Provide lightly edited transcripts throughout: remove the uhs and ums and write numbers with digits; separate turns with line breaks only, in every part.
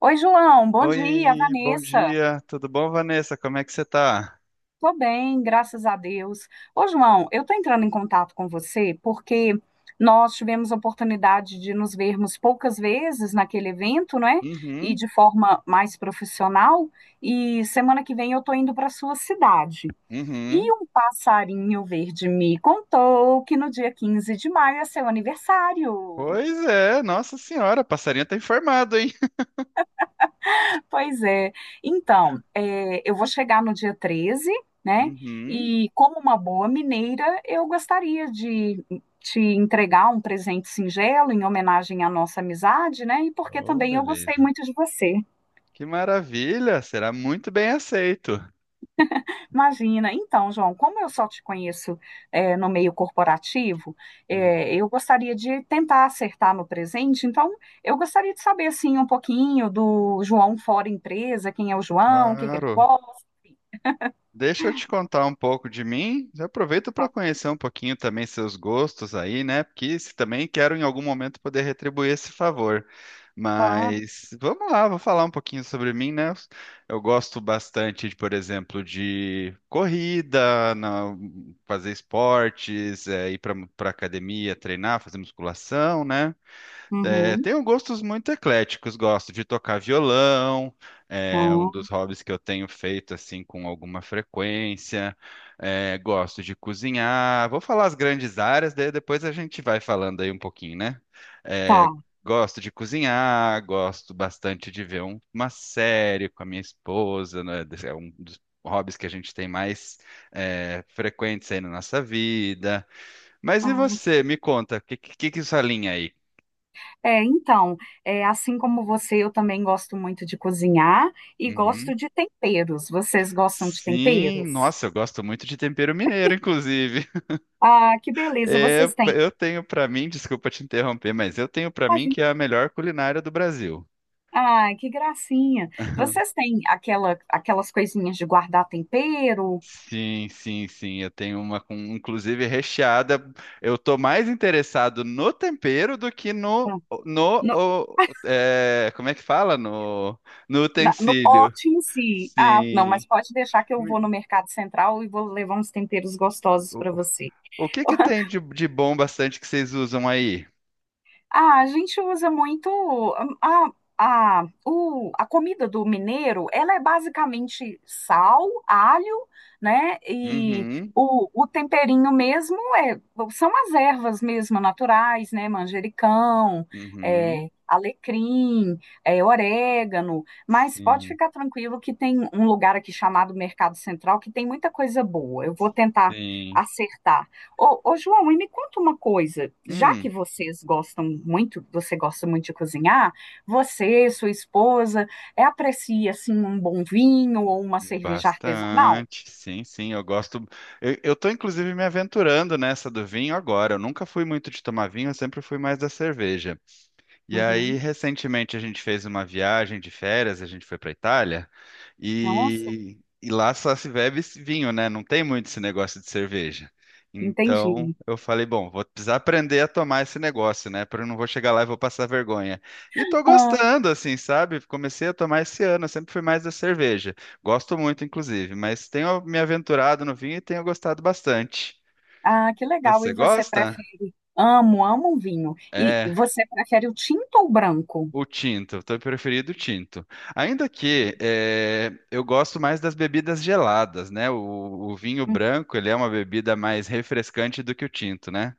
Oi, João, bom dia,
Oi, bom
Vanessa.
dia. Tudo bom, Vanessa? Como é que você tá?
Tô bem, graças a Deus. Ô, João, eu tô entrando em contato com você porque nós tivemos a oportunidade de nos vermos poucas vezes naquele evento, né? E
Uhum,
de forma mais profissional. E semana que vem eu tô indo para sua cidade. E
uhum.
um passarinho verde me contou que no dia 15 de maio é seu aniversário.
Pois é, nossa senhora, passarinho tá informado, hein?
Pois é. Então, eu vou chegar no dia 13, né?
Uhum.
E como uma boa mineira, eu gostaria de te entregar um presente singelo em homenagem à nossa amizade, né? E porque
Oh,
também eu gostei
beleza.
muito de você.
Que maravilha, será muito bem aceito.
Imagina. Então, João, como eu só te conheço, no meio corporativo,
Uhum.
eu gostaria de tentar acertar no presente. Então, eu gostaria de saber, assim, um pouquinho do João fora empresa, quem é o João, o que que ele
Claro.
gosta.
Deixa eu te contar um pouco de mim. Aproveita para conhecer um pouquinho também seus gostos aí, né? Porque se também quero em algum momento poder retribuir esse favor.
Claro.
Mas vamos lá, vou falar um pouquinho sobre mim, né? Eu gosto bastante, de, por exemplo, de corrida, fazer esportes, ir para academia, treinar, fazer musculação, né? É,
Uhum.
tenho gostos muito ecléticos, gosto de tocar violão, é um dos
Ah,
hobbies que eu tenho feito assim com alguma frequência. É, gosto de cozinhar. Vou falar as grandes áreas, daí depois a gente vai falando aí um pouquinho, né? É,
tá.
gosto de cozinhar, gosto bastante de ver uma série com a minha esposa, né? É um dos hobbies que a gente tem mais é, frequentes aí na nossa vida. Mas e
Ah, que
você? Me conta, o que que é sua linha aí?
É, então, assim como você, eu também gosto muito de cozinhar e
Uhum.
gosto de temperos. Vocês gostam de
Sim,
temperos?
nossa, eu gosto muito de tempero mineiro, inclusive.
Ah, que beleza,
É,
vocês têm.
eu tenho pra mim, desculpa te interromper, mas eu tenho pra mim
Imagina.
que é a melhor culinária do Brasil.
Ai, que gracinha. Vocês têm aquelas coisinhas de guardar tempero?
Sim, sim, sim, eu tenho uma com inclusive recheada. Eu tô mais interessado no tempero do que no
Hum,
no
No,
o- como é que fala? No no
no
utensílio.
pote em si. Ah, não, mas
Sim.
pode deixar que eu
Me-
vou no Mercado Central e vou levar uns temperos gostosos
O,
para você.
o que que tem de bom bastante que vocês usam aí?
Ah, a gente usa muito a comida do mineiro, ela é basicamente sal, alho, né? E
Uhum,
o temperinho mesmo são as ervas mesmo naturais, né? Manjericão,
uhum.
alecrim, orégano. Mas pode
Sim.
ficar tranquilo que tem um lugar aqui chamado Mercado Central que tem muita coisa boa. Eu vou tentar
Sim.
acertar. Ô, João, e me conta uma coisa. Já
Hum,
que vocês gostam muito, você gosta muito de cozinhar, você, sua esposa, aprecia assim um bom vinho ou uma cerveja artesanal?
bastante. Sim, sim, eu gosto. Eu tô inclusive me aventurando nessa do vinho agora. Eu nunca fui muito de tomar vinho, eu sempre fui mais da cerveja. E aí,
Uhum.
recentemente, a gente fez uma viagem de férias, a gente foi para Itália,
Nossa,
e lá só se bebe esse vinho, né? Não tem muito esse negócio de cerveja. Então,
entendi.
eu falei, bom, vou precisar aprender a tomar esse negócio, né? Porque eu não vou chegar lá e vou passar vergonha. E tô
Ah,
gostando, assim, sabe? Comecei a tomar esse ano, eu sempre fui mais da cerveja. Gosto muito, inclusive, mas tenho me aventurado no vinho e tenho gostado bastante.
ah, que legal.
Você
E você
gosta?
prefere? Amo, amo um vinho. E
É.
você prefere o tinto ou o branco?
O tinto, teu preferido o tinto. Ainda que eu gosto mais das bebidas geladas, né? O vinho branco, ele é uma bebida mais refrescante do que o tinto, né?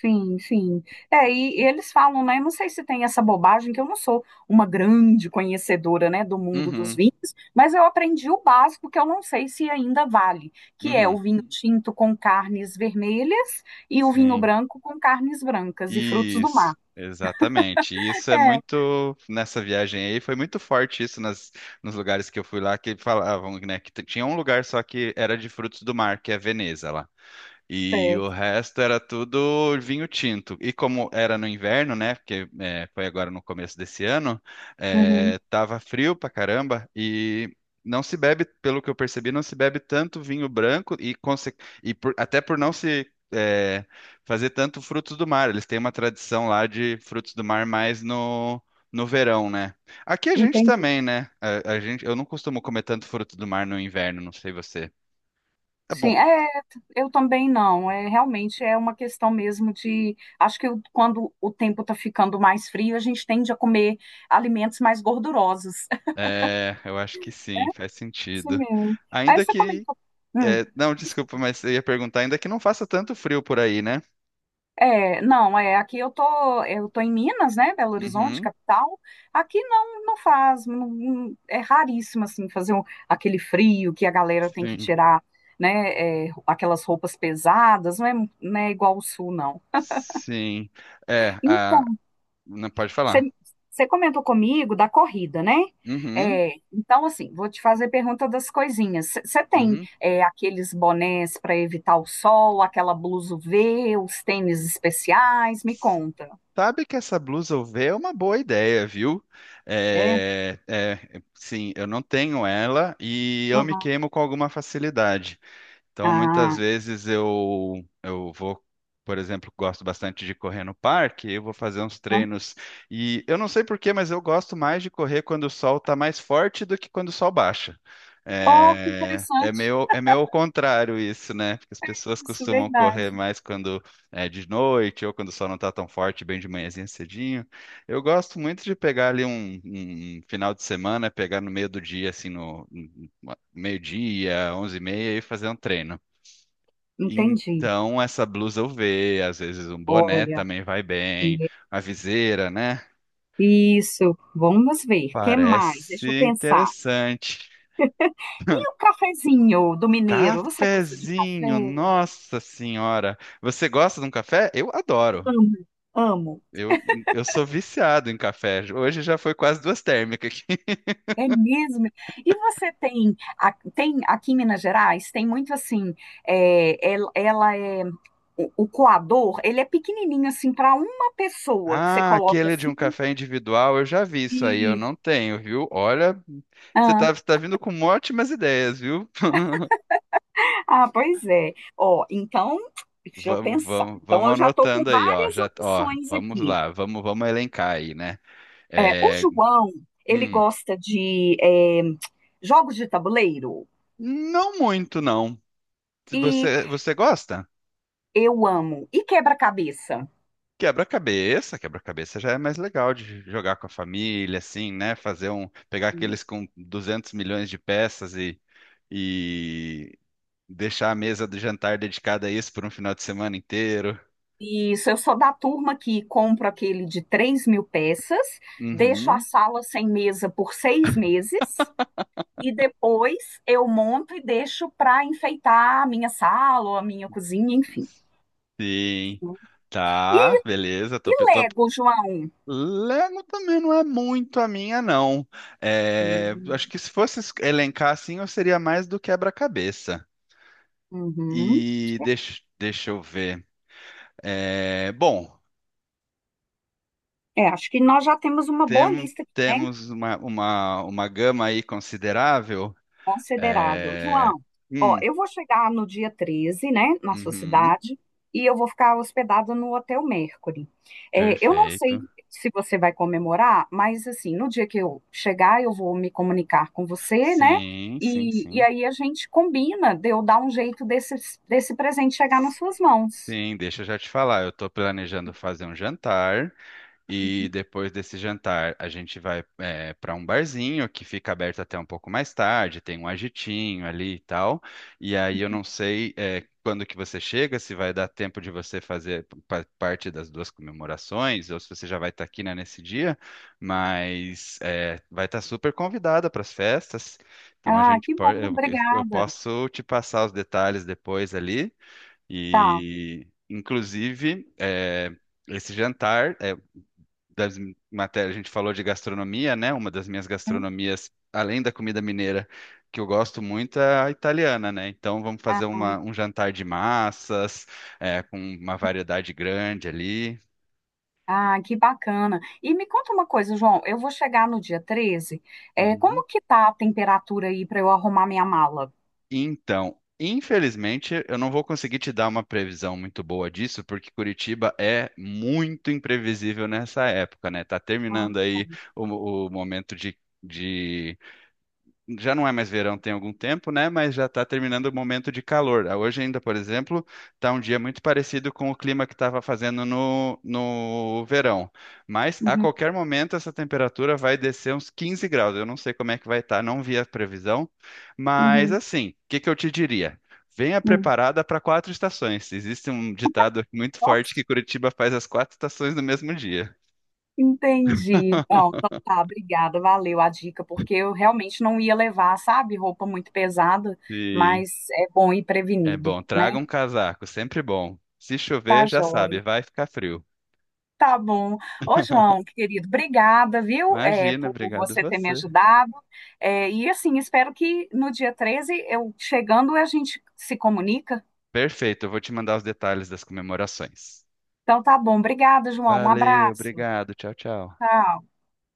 Sim, sim. E eles falam, né? Eu não sei se tem essa bobagem, que eu não sou uma grande conhecedora, né, do mundo dos
Uhum,
vinhos, mas eu aprendi o básico que eu não sei se ainda vale, que é o
uhum,
vinho tinto com carnes vermelhas e o vinho
sim.
branco com carnes brancas e frutos do
Isso,
mar.
exatamente. Isso é
É,
muito, nessa viagem aí, foi muito forte isso nas, nos lugares que eu fui lá, que falavam, né, que tinha um lugar só que era de frutos do mar, que é Veneza lá. E o
certo.
resto era tudo vinho tinto. E como era no inverno, né? Porque foi agora no começo desse ano,
Uhum,
tava frio pra caramba e não se bebe, pelo que eu percebi, não se bebe tanto vinho branco até por não se fazer tanto frutos do mar. Eles têm uma tradição lá de frutos do mar mais no verão, né? Aqui a gente
entendi.
também, né? A gente, eu não costumo comer tanto fruto do mar no inverno, não sei você. Tá bom.
Sim, eu também não. Realmente é uma questão mesmo de. Acho que quando o tempo está ficando mais frio, a gente tende a comer alimentos mais gordurosos.
É, eu acho que sim, faz sentido.
Sim. Aí
Ainda
você
que.
comentou. Hum.
Não, desculpa, mas eu ia perguntar, ainda que não faça tanto frio por aí, né?
Não, aqui eu tô em Minas, né, Belo Horizonte,
Uhum,
capital. Aqui não, não faz, é raríssimo assim fazer aquele frio que a galera tem que
sim,
tirar, né, aquelas roupas pesadas, não é, não é igual o sul, não.
sim. É, não pode
Você
falar.
você comentou comigo da corrida, né?
Uhum,
Então, assim, vou te fazer pergunta das coisinhas. Você tem
uhum.
aqueles bonés para evitar o sol, aquela blusa UV, os tênis especiais? Me conta.
Sabe que essa blusa UV é uma boa ideia, viu?
É?
É, é, sim, eu não tenho ela e eu me
Uhum.
queimo com alguma facilidade. Então, muitas
Ah,
vezes eu vou, por exemplo, gosto bastante de correr no parque, eu vou fazer uns
então-
treinos e eu não sei por quê, mas eu gosto mais de correr quando o sol está mais forte do que quando o sol baixa.
oh, que
É, é
interessante.
meio, é meio ao contrário isso, né? Porque as pessoas
Isso,
costumam correr
verdade.
mais quando é de noite ou quando o sol não está tão forte, bem de manhãzinha cedinho. Eu gosto muito de pegar ali um final de semana, pegar no meio do dia, assim, no meio-dia, 11:30 e fazer um treino.
Entendi.
Então, essa blusa UV, às vezes um boné
Olha,
também vai bem, uma viseira, né?
isso. Vamos ver. O que mais? Deixa eu
Parece
pensar.
interessante.
E o cafezinho do mineiro? Você gosta de
Cafezinho,
café?
nossa senhora. Você gosta de um café? Eu adoro.
Amo, amo.
Eu, eu sou viciado em café. Hoje já foi quase duas térmicas aqui.
É mesmo. E você tem, tem aqui em Minas Gerais, tem muito assim, é, el- ela, é, o coador, ele é pequenininho assim para uma pessoa que você
Ah,
coloca
aquele de um
assim
café individual, eu já vi isso aí, eu
e...
não tenho, viu? Olha, você
Ah,
tá, você tá vindo com ótimas ideias, viu?
ah, pois é. Ó, então, deixa eu
Vamos,
pensar.
vamos,
Então,
vamos
eu já estou com
anotando aí, ó.
várias
Já, ó,
opções
vamos
aqui.
lá, vamos elencar aí, né?
O
É,
João, ele
hum,
gosta de jogos de tabuleiro
não muito, não. Se
e
você gosta?
eu amo. E quebra-cabeça?
Quebra-cabeça, quebra-cabeça já é mais legal de jogar com a família, assim, né? Fazer um, pegar aqueles com 200 milhões de peças e deixar a mesa do jantar dedicada a isso por um final de semana inteiro.
Isso, eu sou da turma que compro aquele de 3.000 peças, deixo a
Uhum.
sala sem mesa por 6 meses e depois eu monto e deixo para enfeitar a minha sala ou a minha cozinha, enfim.
Sim.
E,
Tá, beleza.
e
Tô, pe- tô
Lego, João?
Lego também não é muito a minha, não. É, acho
Hum.
que se fosse elencar assim, eu seria mais do quebra-cabeça.
Uhum.
E deixa eu ver. É, bom,
Acho que nós já temos uma boa
tem-
lista aqui, né?
temos uma gama aí considerável.
Considerável.
É,
João, ó,
hum,
eu vou chegar no dia 13, né, na sua
uhum,
cidade, e eu vou ficar hospedada no Hotel Mercury. Eu não
perfeito.
sei se você vai comemorar, mas assim, no dia que eu chegar, eu vou me comunicar com você, né?
Sim, sim,
E
sim.
aí a gente combina de eu dar um jeito desse presente chegar nas suas mãos.
Sim, deixa eu já te falar. Eu estou planejando fazer um jantar. E depois desse jantar, a gente vai para um barzinho que fica aberto até um pouco mais tarde, tem um agitinho ali e tal. E aí eu não sei quando que você chega, se vai dar tempo de você fazer parte das duas comemorações, ou se você já vai estar aqui, né, nesse dia, mas vai estar super convidada para as festas. Então a
Ah,
gente
que bom,
pode, eu
obrigada.
posso te passar os detalhes depois ali.
Tá.
E inclusive, esse jantar, das matérias, a gente falou de gastronomia, né? Uma das minhas gastronomias, além da comida mineira, que eu gosto muito é a italiana, né? Então vamos
Ah,
fazer um jantar de massas, com uma variedade grande ali.
Ah, que bacana. E me conta uma coisa, João, eu vou chegar no dia 13.
Uhum.
Como que tá a temperatura aí para eu arrumar minha mala?
Então, infelizmente, eu não vou conseguir te dar uma previsão muito boa disso, porque Curitiba é muito imprevisível nessa época, né? Tá
Ah,
terminando
tá.
aí o momento de. De já não é mais verão tem algum tempo, né? Mas já está terminando o momento de calor. Ah, hoje ainda, por exemplo, está um dia muito parecido com o clima que estava fazendo no verão. Mas a
Uhum,
qualquer momento essa temperatura vai descer uns 15 graus. Eu não sei como é que vai estar, não vi a previsão. Mas
uhum,
assim, o que que eu te diria? Venha
uhum.
preparada para quatro estações. Existe um ditado muito
Nossa,
forte que Curitiba faz as quatro estações no mesmo dia.
entendi. Não, então tá, obrigada, valeu a dica, porque eu realmente não ia levar, sabe, roupa muito pesada,
Sim.
mas é bom ir
É
prevenido,
bom,
né?
traga um casaco, sempre bom. Se
Tá
chover, já sabe,
joia.
vai ficar frio.
Tá bom. Ô, João, querido, obrigada, viu,
Imagina,
por
obrigado
você ter me
você.
ajudado. E assim, espero que no dia 13 eu chegando, a gente se comunica.
Perfeito, eu vou te mandar os detalhes das comemorações.
Então tá bom. Obrigada, João. Um
Valeu,
abraço.
obrigado, tchau, tchau.
Tchau.